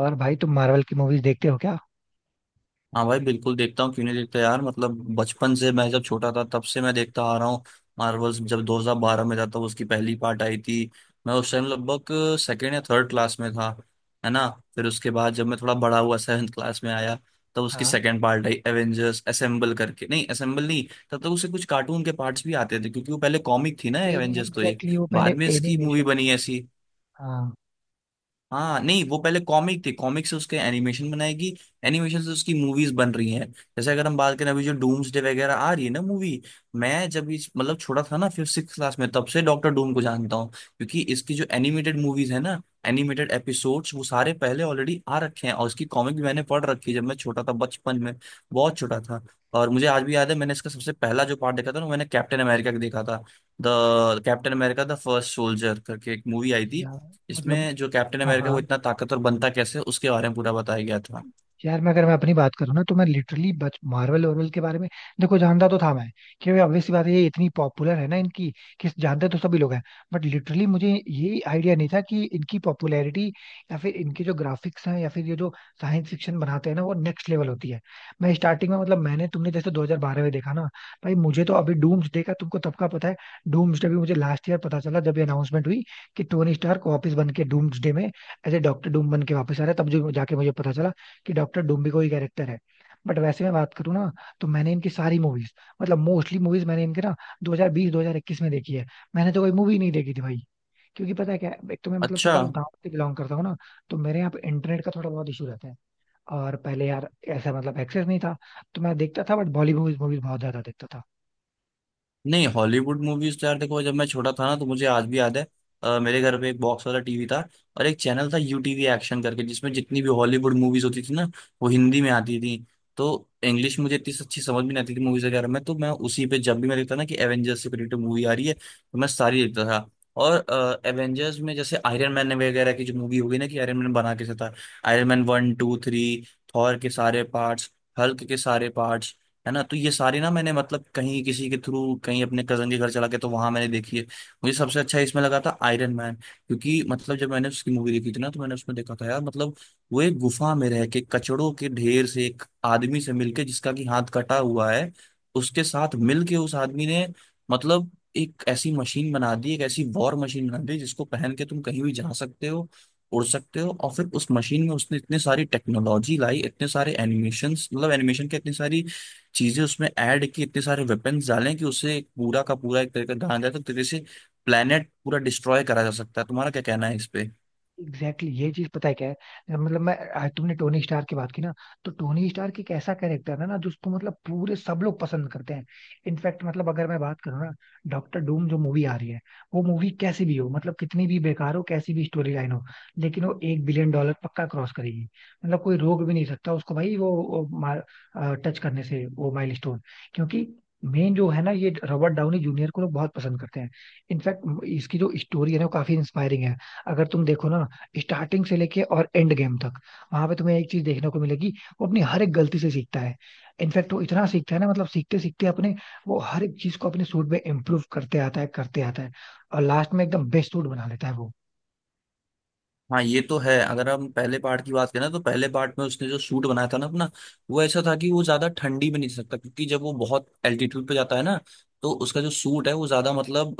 और भाई तुम मार्वल की मूवीज देखते हो क्या? हाँ भाई बिल्कुल देखता हूँ। क्यों नहीं देखता यार। मतलब बचपन से, मैं जब छोटा था तब से मैं देखता आ रहा हूँ। मार्वल्स जब 2012 में था तब उसकी पहली पार्ट आई थी। मैं उस टाइम लगभग सेकेंड या थर्ड क्लास में था, है ना। फिर उसके बाद जब मैं थोड़ा बड़ा हुआ, सेवन्थ क्लास में आया, तब उसकी हाँ। सेकेंड पार्ट आई एवेंजर्स असेंबल करके। नहीं, असेंबल नहीं। तब तक उसे कुछ कार्टून के पार्ट्स भी आते थे क्योंकि वो पहले कॉमिक थी ना एनी एवेंजर्स, तो एक एग्जैक्टली वो पहले बाद में इसकी मूवी एनिमेशन थी। बनी ऐसी। हाँ। हाँ नहीं, वो पहले कॉमिक थी। कॉमिक से उसके एनिमेशन बनाएगी, एनिमेशन से उसकी मूवीज बन रही हैं। जैसे अगर हम बात करें अभी जो डूम्सडे वगैरह आ रही है ना मूवी, मैं जब इस मतलब छोटा था ना फिफ्थ सिक्स क्लास में, तब से डॉक्टर डूम को जानता हूँ, क्योंकि इसकी जो एनिमेटेड मूवीज है ना, एनिमेटेड एपिसोड्स वो सारे पहले ऑलरेडी आ रखे हैं, और इसकी कॉमिक भी मैंने पढ़ रखी है जब मैं छोटा था बचपन में, बहुत छोटा था। और मुझे आज भी याद है, मैंने इसका सबसे पहला जो पार्ट देखा था ना, मैंने कैप्टन अमेरिका का देखा था। The captain America the first soldier करके एक मूवी आई थी। या मतलब इसमें जो कैप्टन हाँ अमेरिका, हाँ। वो इतना ताकतवर बनता कैसे, उसके बारे में पूरा बताया गया था। यार मैं अगर मैं अपनी बात करूँ ना तो मैं लिटरली बच मार्वल वार्वल के बारे में देखो जानता तो था मैं। क्योंकि Obvious सी बात है ये इतनी पॉपुलर है ना इनकी कि जानते तो सभी लोग हैं। बट लिटरली मुझे ये आइडिया नहीं था कि इनकी पॉपुलैरिटी या फिर इनके जो ग्राफिक्स हैं या फिर ये जो साइंस फिक्शन बनाते हैं ना वो नेक्स्ट लेवल होती है। मैं स्टार्टिंग में मतलब मैंने तुमने जैसे 2012 में देखा ना। भाई मुझे तो अभी डूम्सडे का तुमको तब का पता है। डूम्सडे भी मुझे लास्ट ईयर पता चला जब ये अनाउंसमेंट हुई कि टोनी स्टार्क वापस बन के डूम्सडे में एज ए डॉक्टर डूम बन के वापस आ रहा है। तब जो जाके मुझे पता चला कि डॉक्टर डूम्बी को ही कैरेक्टर है। बट वैसे मैं बात करूँ ना तो मैंने इनकी सारी मूवीज मतलब मोस्टली मूवीज मैंने इनके ना 2020 2021 में देखी है। मैंने तो कोई मूवी नहीं देखी थी भाई। क्योंकि पता है क्या है, एक तो मैं मतलब अच्छा। थोड़ा गांव से बिलोंग करता हूँ ना। तो मेरे यहाँ पे इंटरनेट का थोड़ा बहुत इशू रहता है। और पहले यार ऐसा मतलब एक्सेस नहीं था। तो मैं देखता था बट बॉलीवुड मूवीज बहुत ज्यादा देखता था। नहीं, हॉलीवुड मूवीज तो यार देखो, जब मैं छोटा था ना तो मुझे आज भी याद है, मेरे घर पे एक बॉक्स वाला टीवी था, और एक चैनल था यू टीवी एक्शन करके, जिसमें जितनी भी हॉलीवुड मूवीज होती थी ना, वो हिंदी में आती थी। तो इंग्लिश मुझे इतनी अच्छी समझ भी नहीं आती थी मूवीज वगैरह में, तो मैं उसी पे जब भी मैं देखता ना कि एवेंजर्स से रिलेटेड मूवी आ रही है, तो मैं सारी देखता था। और एवेंजर्स में जैसे आयरन मैन वगैरह की जो मूवी हो गई ना, कि आयरन मैन बना कैसे था, Iron Man one two three, Thor के सारे पार्ट्स, हल्क के सारे पार्ट्स, है ना। तो ये सारी ना मैंने मतलब कहीं किसी के थ्रू, कहीं अपने कजन के घर चला के, तो वहां मैंने देखी है। मुझे सबसे अच्छा इसमें लगा था आयरन मैन, क्योंकि मतलब जब मैंने उसकी मूवी देखी थी ना, तो मैंने उसमें देखा था यार, मतलब वो एक गुफा में रह के, कचड़ों के ढेर से, एक आदमी से मिलके जिसका कि हाथ कटा हुआ है, उसके साथ मिलके उस आदमी ने, मतलब एक ऐसी मशीन बना दी, एक ऐसी वॉर मशीन बना दी जिसको पहन के तुम कहीं भी जा सकते हो, उड़ सकते हो। और फिर उस मशीन में उसने इतने सारी टेक्नोलॉजी लाई, इतने सारे एनिमेशन, मतलब एनिमेशन के इतनी सारी चीजें उसमें ऐड की, इतने सारे वेपन्स डालें, कि उससे एक पूरा का पूरा, एक तरीके से ढांचा जाए, तो तरीके से प्लेनेट पूरा डिस्ट्रॉय करा जा सकता है। तुम्हारा क्या कहना है इस पे। एग्जैक्टली exactly, ये चीज पता है क्या है? मतलब मैं आज तुमने टोनी स्टार की बात की ना। तो टोनी स्टार एक ऐसा कैरेक्टर है ना जिसको मतलब पूरे सब लोग पसंद करते हैं। इनफैक्ट मतलब अगर मैं बात करूँ ना, डॉक्टर डूम जो मूवी आ रही है वो मूवी कैसी भी हो मतलब कितनी भी बेकार हो कैसी भी स्टोरी लाइन हो लेकिन वो एक बिलियन डॉलर पक्का क्रॉस करेगी। मतलब कोई रोक भी नहीं सकता उसको भाई, वो टच करने से वो माइलस्टोन। क्योंकि मेन जो है ना ये रॉबर्ट डाउनी जूनियर को लोग बहुत पसंद करते हैं। इनफैक्ट इसकी जो स्टोरी है ना वो काफी इंस्पायरिंग है। अगर तुम देखो ना स्टार्टिंग से लेके और एंड गेम तक वहां पे तुम्हें एक चीज देखने को मिलेगी। वो अपनी हर एक गलती से सीखता है। इनफैक्ट वो इतना सीखता है ना मतलब सीखते सीखते अपने वो हर एक चीज को अपने सूट में इम्प्रूव करते आता है और लास्ट में एकदम बेस्ट सूट बना लेता है वो। हाँ ये तो है। अगर हम पहले पार्ट की बात करें, तो पहले पार्ट में उसने जो सूट बनाया था ना अपना, वो ऐसा था कि वो ज्यादा ठंडी में नहीं सकता, क्योंकि जब वो बहुत एल्टीट्यूड पे जाता है ना, तो उसका जो सूट है वो ज्यादा मतलब,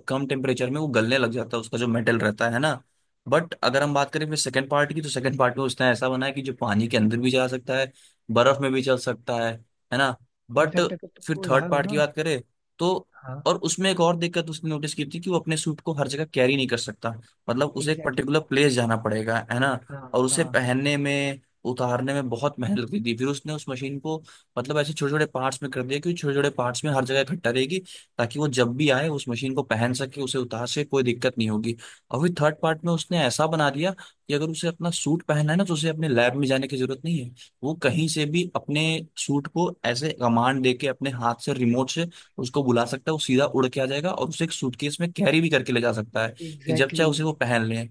कम टेम्परेचर में वो गलने लग जाता है, उसका जो मेटल रहता है ना। बट अगर हम बात करें फिर सेकंड पार्ट की, तो सेकंड पार्ट में उसने ऐसा बनाया कि जो पानी के अंदर भी जा सकता है, बर्फ में भी चल सकता है ना। बट इनफैक्ट अगर फिर तुमको थर्ड याद हो पार्ट की ना। बात करें तो, हाँ। और उसमें एक और दिक्कत उसने नोटिस की थी, कि वो अपने सूट को हर जगह कैरी नहीं कर सकता। मतलब उसे एक एग्जैक्टली पर्टिकुलर exactly, प्लेस जाना पड़ेगा, है ना। हाँ और उसे हाँ। पहनने में उतारने में बहुत मेहनत लगती थी, फिर उसने उस मशीन को मतलब ऐसे छोटे छोटे पार्ट्स में कर दिया, कि छोटे छोटे पार्ट्स में हर जगह इकट्ठा रहेगी, ताकि वो जब भी आए उस मशीन को पहन सके, उसे उतार सके, कोई दिक्कत नहीं होगी। और फिर थर्ड पार्ट में उसने ऐसा बना दिया कि अगर उसे अपना सूट पहनना है ना, तो उसे अपने लैब में जाने की जरूरत नहीं है। वो कहीं से भी अपने सूट को ऐसे कमांड देके अपने हाथ से, रिमोट से उसको बुला सकता है, वो सीधा उड़ के आ जाएगा, और उसे एक सूटकेस में कैरी भी करके ले जा सकता है, कि जब एग्जैक्टली चाहे उसी को exactly, पहन ले।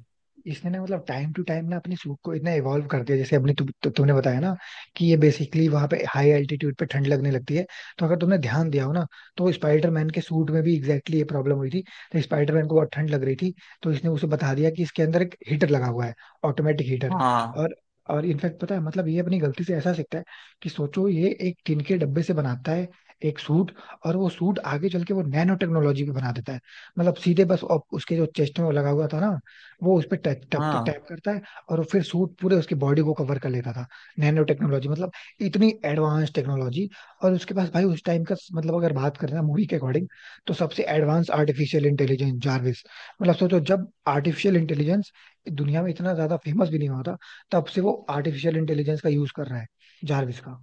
इसने ना मतलब टाइम टू टाइम ना अपने सूट को इतना इवॉल्व कर दिया जैसे अपने तु, तु, तुमने बताया ना कि ये बेसिकली वहां पे हाई एल्टीट्यूड पे ठंड लगने लगती है। तो अगर तुमने ध्यान दिया हो ना तो स्पाइडरमैन के सूट में भी एग्जैक्टली ये प्रॉब्लम हुई थी। तो स्पाइडरमैन को बहुत ठंड लग रही थी। तो इसने उसे बता दिया कि इसके अंदर एक हीटर लगा हुआ है, ऑटोमेटिक हीटर। हाँ। और और इनफैक्ट पता है मतलब ये अपनी गलती से ऐसा सीखता है कि सोचो ये एक टिन के डब्बे से बनाता है एक सूट। और वो सूट आगे चल के वो नैनो टेक्नोलॉजी पे बना देता है। मतलब सीधे बस उसके जो चेस्ट में वो लगा हुआ था ना वो उस पर टैप टैप हाँ टैप करता है और फिर सूट पूरे उसकी बॉडी को कवर कर लेता था। नैनो टेक्नोलॉजी मतलब इतनी एडवांस टेक्नोलॉजी। और उसके पास भाई उस टाइम का मतलब अगर बात करें ना मूवी के अकॉर्डिंग तो सबसे एडवांस आर्टिफिशियल इंटेलिजेंस जार्विस। मतलब सोचो जब आर्टिफिशियल इंटेलिजेंस दुनिया में इतना ज्यादा फेमस भी नहीं हुआ था तब से वो आर्टिफिशियल इंटेलिजेंस का यूज कर रहा है, जार्विस का।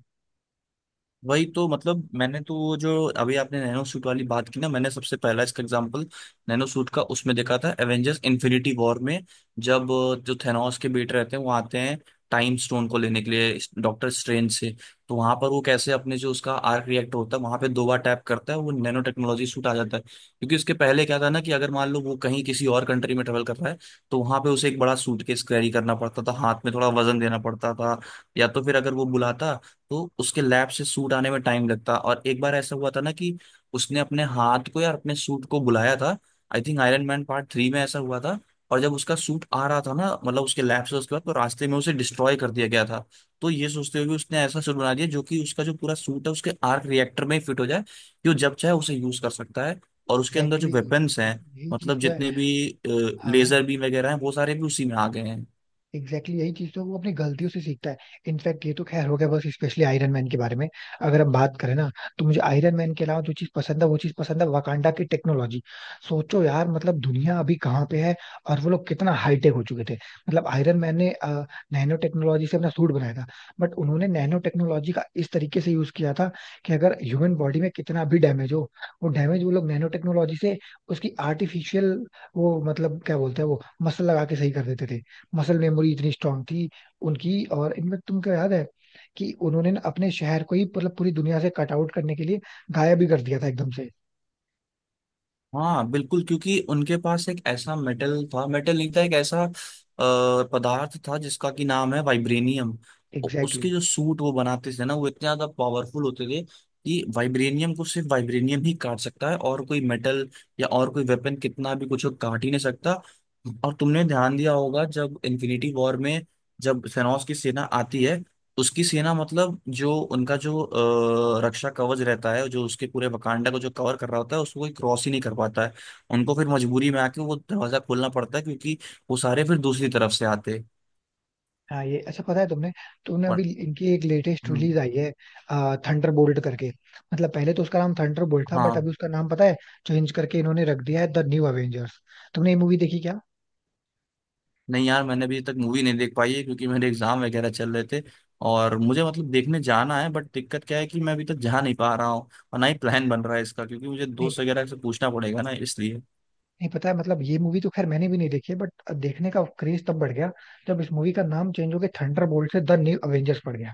वही तो, मतलब मैंने तो वो जो अभी आपने नैनो सूट वाली बात की ना, मैंने सबसे पहला इसका एग्जांपल नैनो सूट का उसमें देखा था एवेंजर्स इन्फिनिटी वॉर में। जब जो थेनोस के बेटे रहते हैं, वो आते हैं टाइम स्टोन को लेने के लिए डॉक्टर स्ट्रेंज से, तो वहां पर वो कैसे अपने जो उसका आर्क रिएक्टर होता है वहां पे दो बार टैप करता है, वो नैनो टेक्नोलॉजी सूट आ जाता है। क्योंकि उसके पहले क्या था ना, कि अगर मान लो वो कहीं किसी और कंट्री में ट्रेवल कर रहा है, तो वहां पे उसे एक बड़ा सूटकेस कैरी करना पड़ता था, हाथ में थोड़ा वजन देना पड़ता था, या तो फिर अगर वो बुलाता, तो उसके लैब से सूट आने में टाइम लगता। और एक बार ऐसा हुआ था ना, कि उसने अपने हाथ को या अपने सूट को बुलाया था, I think Iron Man part three में ऐसा हुआ था। और जब उसका सूट आ रहा था ना मतलब उसके लैब से, उसके बाद तो रास्ते में उसे डिस्ट्रॉय कर दिया गया था। तो ये सोचते हुए कि उसने ऐसा सूट बना दिया जो कि उसका जो पूरा सूट है उसके आर्क रिएक्टर में फिट हो जाए, कि वो जब चाहे उसे यूज कर सकता है। और उसके अंदर जो एग्जैक्टली वेपन्स exactly, हैं, यही यही चीज मतलब तो है। जितने भी हाँ। लेजर बीम वगैरह हैं, वो सारे भी उसी में आ गए हैं। एग्जैक्टली exactly यही चीज तो वो अपनी गलतियों से सीखता है। इनफैक्ट ये तो खैर हो गया बस स्पेशली आयरन मैन के बारे में। अगर हम बात करें ना तो मुझे आयरन मैन के अलावा जो चीज पसंद है वो चीज पसंद है वाकांडा की टेक्नोलॉजी। सोचो यार मतलब दुनिया अभी कहाँ पे है और वो लोग कितना हाईटेक हो चुके थे। मतलब आयरन मैन ने नैनो टेक्नोलॉजी से अपना सूट बनाया था। बट उन्होंने नैनो टेक्नोलॉजी का इस तरीके से यूज किया था कि अगर ह्यूमन बॉडी में कितना भी डैमेज हो वो डैमेज वो लोग नैनो टेक्नोलॉजी से उसकी आर्टिफिशियल वो मतलब क्या बोलते हैं वो मसल लगा के सही कर देते थे। मसल मेमोरी इतनी स्ट्रांग थी उनकी। और इनमें तुमको याद है कि उन्होंने ना अपने शहर को ही मतलब पूरी दुनिया से कट आउट करने के लिए गायब भी कर दिया था एकदम से। हाँ बिल्कुल, क्योंकि उनके पास एक ऐसा मेटल था, मेटल नहीं था, एक ऐसा पदार्थ था जिसका कि नाम है वाइब्रेनियम। Exactly exactly। उसके जो सूट वो बनाते थे ना, वो इतने ज्यादा पावरफुल होते थे कि वाइब्रेनियम को सिर्फ वाइब्रेनियम ही काट सकता है, और कोई मेटल या और कोई वेपन कितना भी कुछ हो, काट ही नहीं सकता। और तुमने ध्यान दिया होगा, जब इन्फिनिटी वॉर में जब थेनोस की सेना आती है, उसकी सेना, मतलब जो उनका जो रक्षा कवच रहता है जो उसके पूरे वकांडा को जो कवर कर रहा होता है, उसको कोई क्रॉस ही नहीं कर पाता है। उनको फिर मजबूरी में आके वो दरवाजा खोलना पड़ता है, क्योंकि वो सारे फिर दूसरी तरफ से आते हैं। हाँ ये अच्छा पता है तुमने, तुमने अभी पर इनकी एक लेटेस्ट हम्म, रिलीज आई है थंडर बोल्ट करके। मतलब पहले तो उसका नाम थंडर बोल्ट था बट हाँ। अभी उसका नाम पता है चेंज करके इन्होंने रख दिया है द न्यू अवेंजर्स। तुमने ये मूवी देखी? नहीं यार, मैंने अभी तक मूवी नहीं देख पाई है क्योंकि मेरे एग्जाम वगैरह चल रहे थे। और मुझे मतलब देखने जाना है, बट दिक्कत क्या है कि मैं अभी तक जा नहीं पा रहा हूँ, और ना ही प्लान बन रहा है इसका, क्योंकि मुझे क्या? दोस्त वगैरह से पूछना पड़ेगा ना, इसलिए। नहीं, पता है मतलब ये मूवी तो खैर मैंने भी नहीं देखी है बट देखने का क्रेज तब बढ़ गया जब इस मूवी का नाम चेंज हो गया थंडरबोल्ट से द न्यू अवेंजर्स पड़ गया।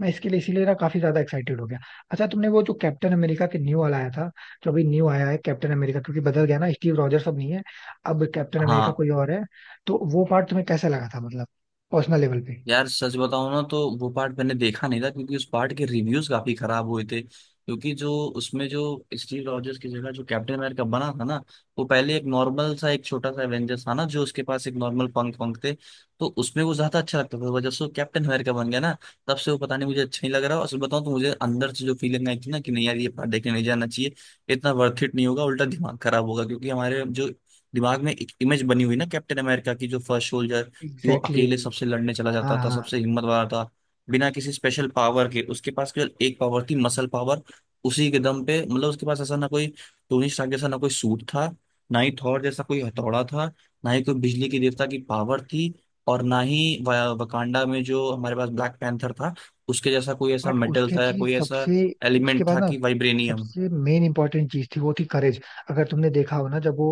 मैं इसके लिए इसीलिए ना काफी ज्यादा एक्साइटेड हो गया। अच्छा तुमने वो जो कैप्टन अमेरिका के न्यू वाला आया था जो अभी न्यू आया है कैप्टन अमेरिका क्योंकि बदल गया ना स्टीव रॉजर्स अब नहीं है। अब कैप्टन अमेरिका हाँ। कोई और है। तो वो पार्ट तुम्हें कैसा लगा था मतलब पर्सनल लेवल पे? यार सच बताऊं ना, तो वो पार्ट मैंने देखा नहीं था क्योंकि उस पार्ट के रिव्यूज काफी खराब हुए थे। क्योंकि जो उसमें जो स्टीव रॉजर्स की जगह जो कैप्टन अमेरिका बना था ना, वो पहले एक नॉर्मल सा एक छोटा सा एवेंजर्स था ना, जो उसके पास एक नॉर्मल पंख पंख थे। तो उसमें वो ज्यादा अच्छा लगता था। वो जब से वो कैप्टन अमेरिका बन गया ना, तब से वो पता नहीं मुझे अच्छा नहीं लग रहा। और सच बताऊं तो मुझे अंदर से जो फीलिंग आई थी ना, कि नहीं यार ये पार्ट देखने नहीं जाना चाहिए, इतना वर्थ इट नहीं होगा, उल्टा दिमाग खराब होगा। क्योंकि हमारे जो दिमाग में एक इमेज बनी हुई ना कैप्टन अमेरिका की, जो फर्स्ट सोल्जर, कि वो एग्जैक्टली अकेले exactly। सबसे लड़ने चला हाँ जाता था, हाँ। सबसे हिम्मत वाला था। बिना किसी स्पेशल पावर के, उसके पास केवल एक पावर थी, मसल पावर। उसी के दम पे मतलब, उसके पास ऐसा ना कोई टोनी स्टार्क जैसा ना कोई सूट था, ना ही थॉर जैसा कोई हथौड़ा था, ना ही कोई बिजली के देवता की पावर थी, और ना ही वकांडा में जो हमारे पास ब्लैक पैंथर था उसके जैसा कोई ऐसा बट मेटल उसके था, या चीज कोई ऐसा सबसे उसके एलिमेंट बाद था, ना कि वाइब्रेनियम। सबसे मेन इंपॉर्टेंट चीज थी वो थी करेज। अगर तुमने देखा हो ना जब वो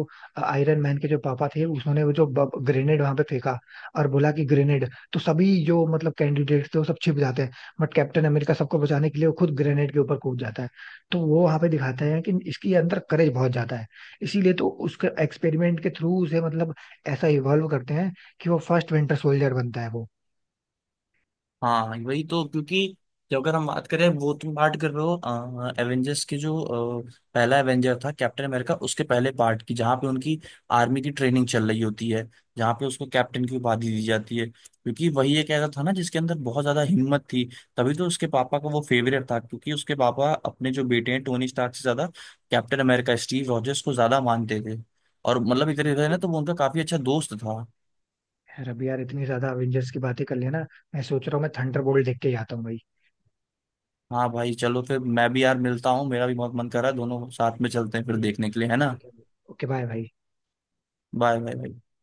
आयरन मैन के जो पापा थे उन्होंने वो जो ग्रेनेड वहां पे फेंका और बोला कि ग्रेनेड तो सभी जो मतलब कैंडिडेट्स थे वो सब छिप जाते हैं बट कैप्टन अमेरिका सबको बचाने के लिए वो खुद ग्रेनेड के ऊपर कूद जाता है। तो वो वहां पे दिखाते हैं कि इसके अंदर करेज बहुत ज्यादा है। इसीलिए तो उसके एक्सपेरिमेंट के थ्रू उसे मतलब ऐसा इवॉल्व करते हैं कि वो फर्स्ट विंटर सोल्जर बनता है वो। हाँ वही तो, क्योंकि जो अगर हम बात करें, वो तुम बात कर रहे हो एवेंजर्स के जो पहला एवेंजर था कैप्टन अमेरिका, उसके पहले पार्ट की, जहाँ पे उनकी आर्मी की ट्रेनिंग चल रही होती है, जहाँ पे उसको कैप्टन की उपाधि दी जाती है क्योंकि वही एक ऐसा था ना जिसके अंदर बहुत ज्यादा हिम्मत थी। तभी तो उसके पापा का वो फेवरेट था, क्योंकि उसके पापा अपने जो बेटे हैं टोनी स्टार्क से ज्यादा कैप्टन अमेरिका स्टीव रॉजर्स को ज्यादा मानते थे, और मतलब एक तरीके से ना एग्जैक्टली। तो वो उनका काफी अच्छा दोस्त था। यार अभी यार इतनी ज्यादा अवेंजर्स की बातें कर लेना मैं सोच रहा हूँ मैं थंडरबोल्ट देख के ही आता हूँ भाई। हाँ भाई चलो, फिर मैं भी यार मिलता हूँ, मेरा भी बहुत मन कर रहा है, दोनों साथ में चलते हैं फिर ठीक है। देखने के लिए, है ना। ठीक है भाई, ओके बाय भाई। बाय बाय भाई।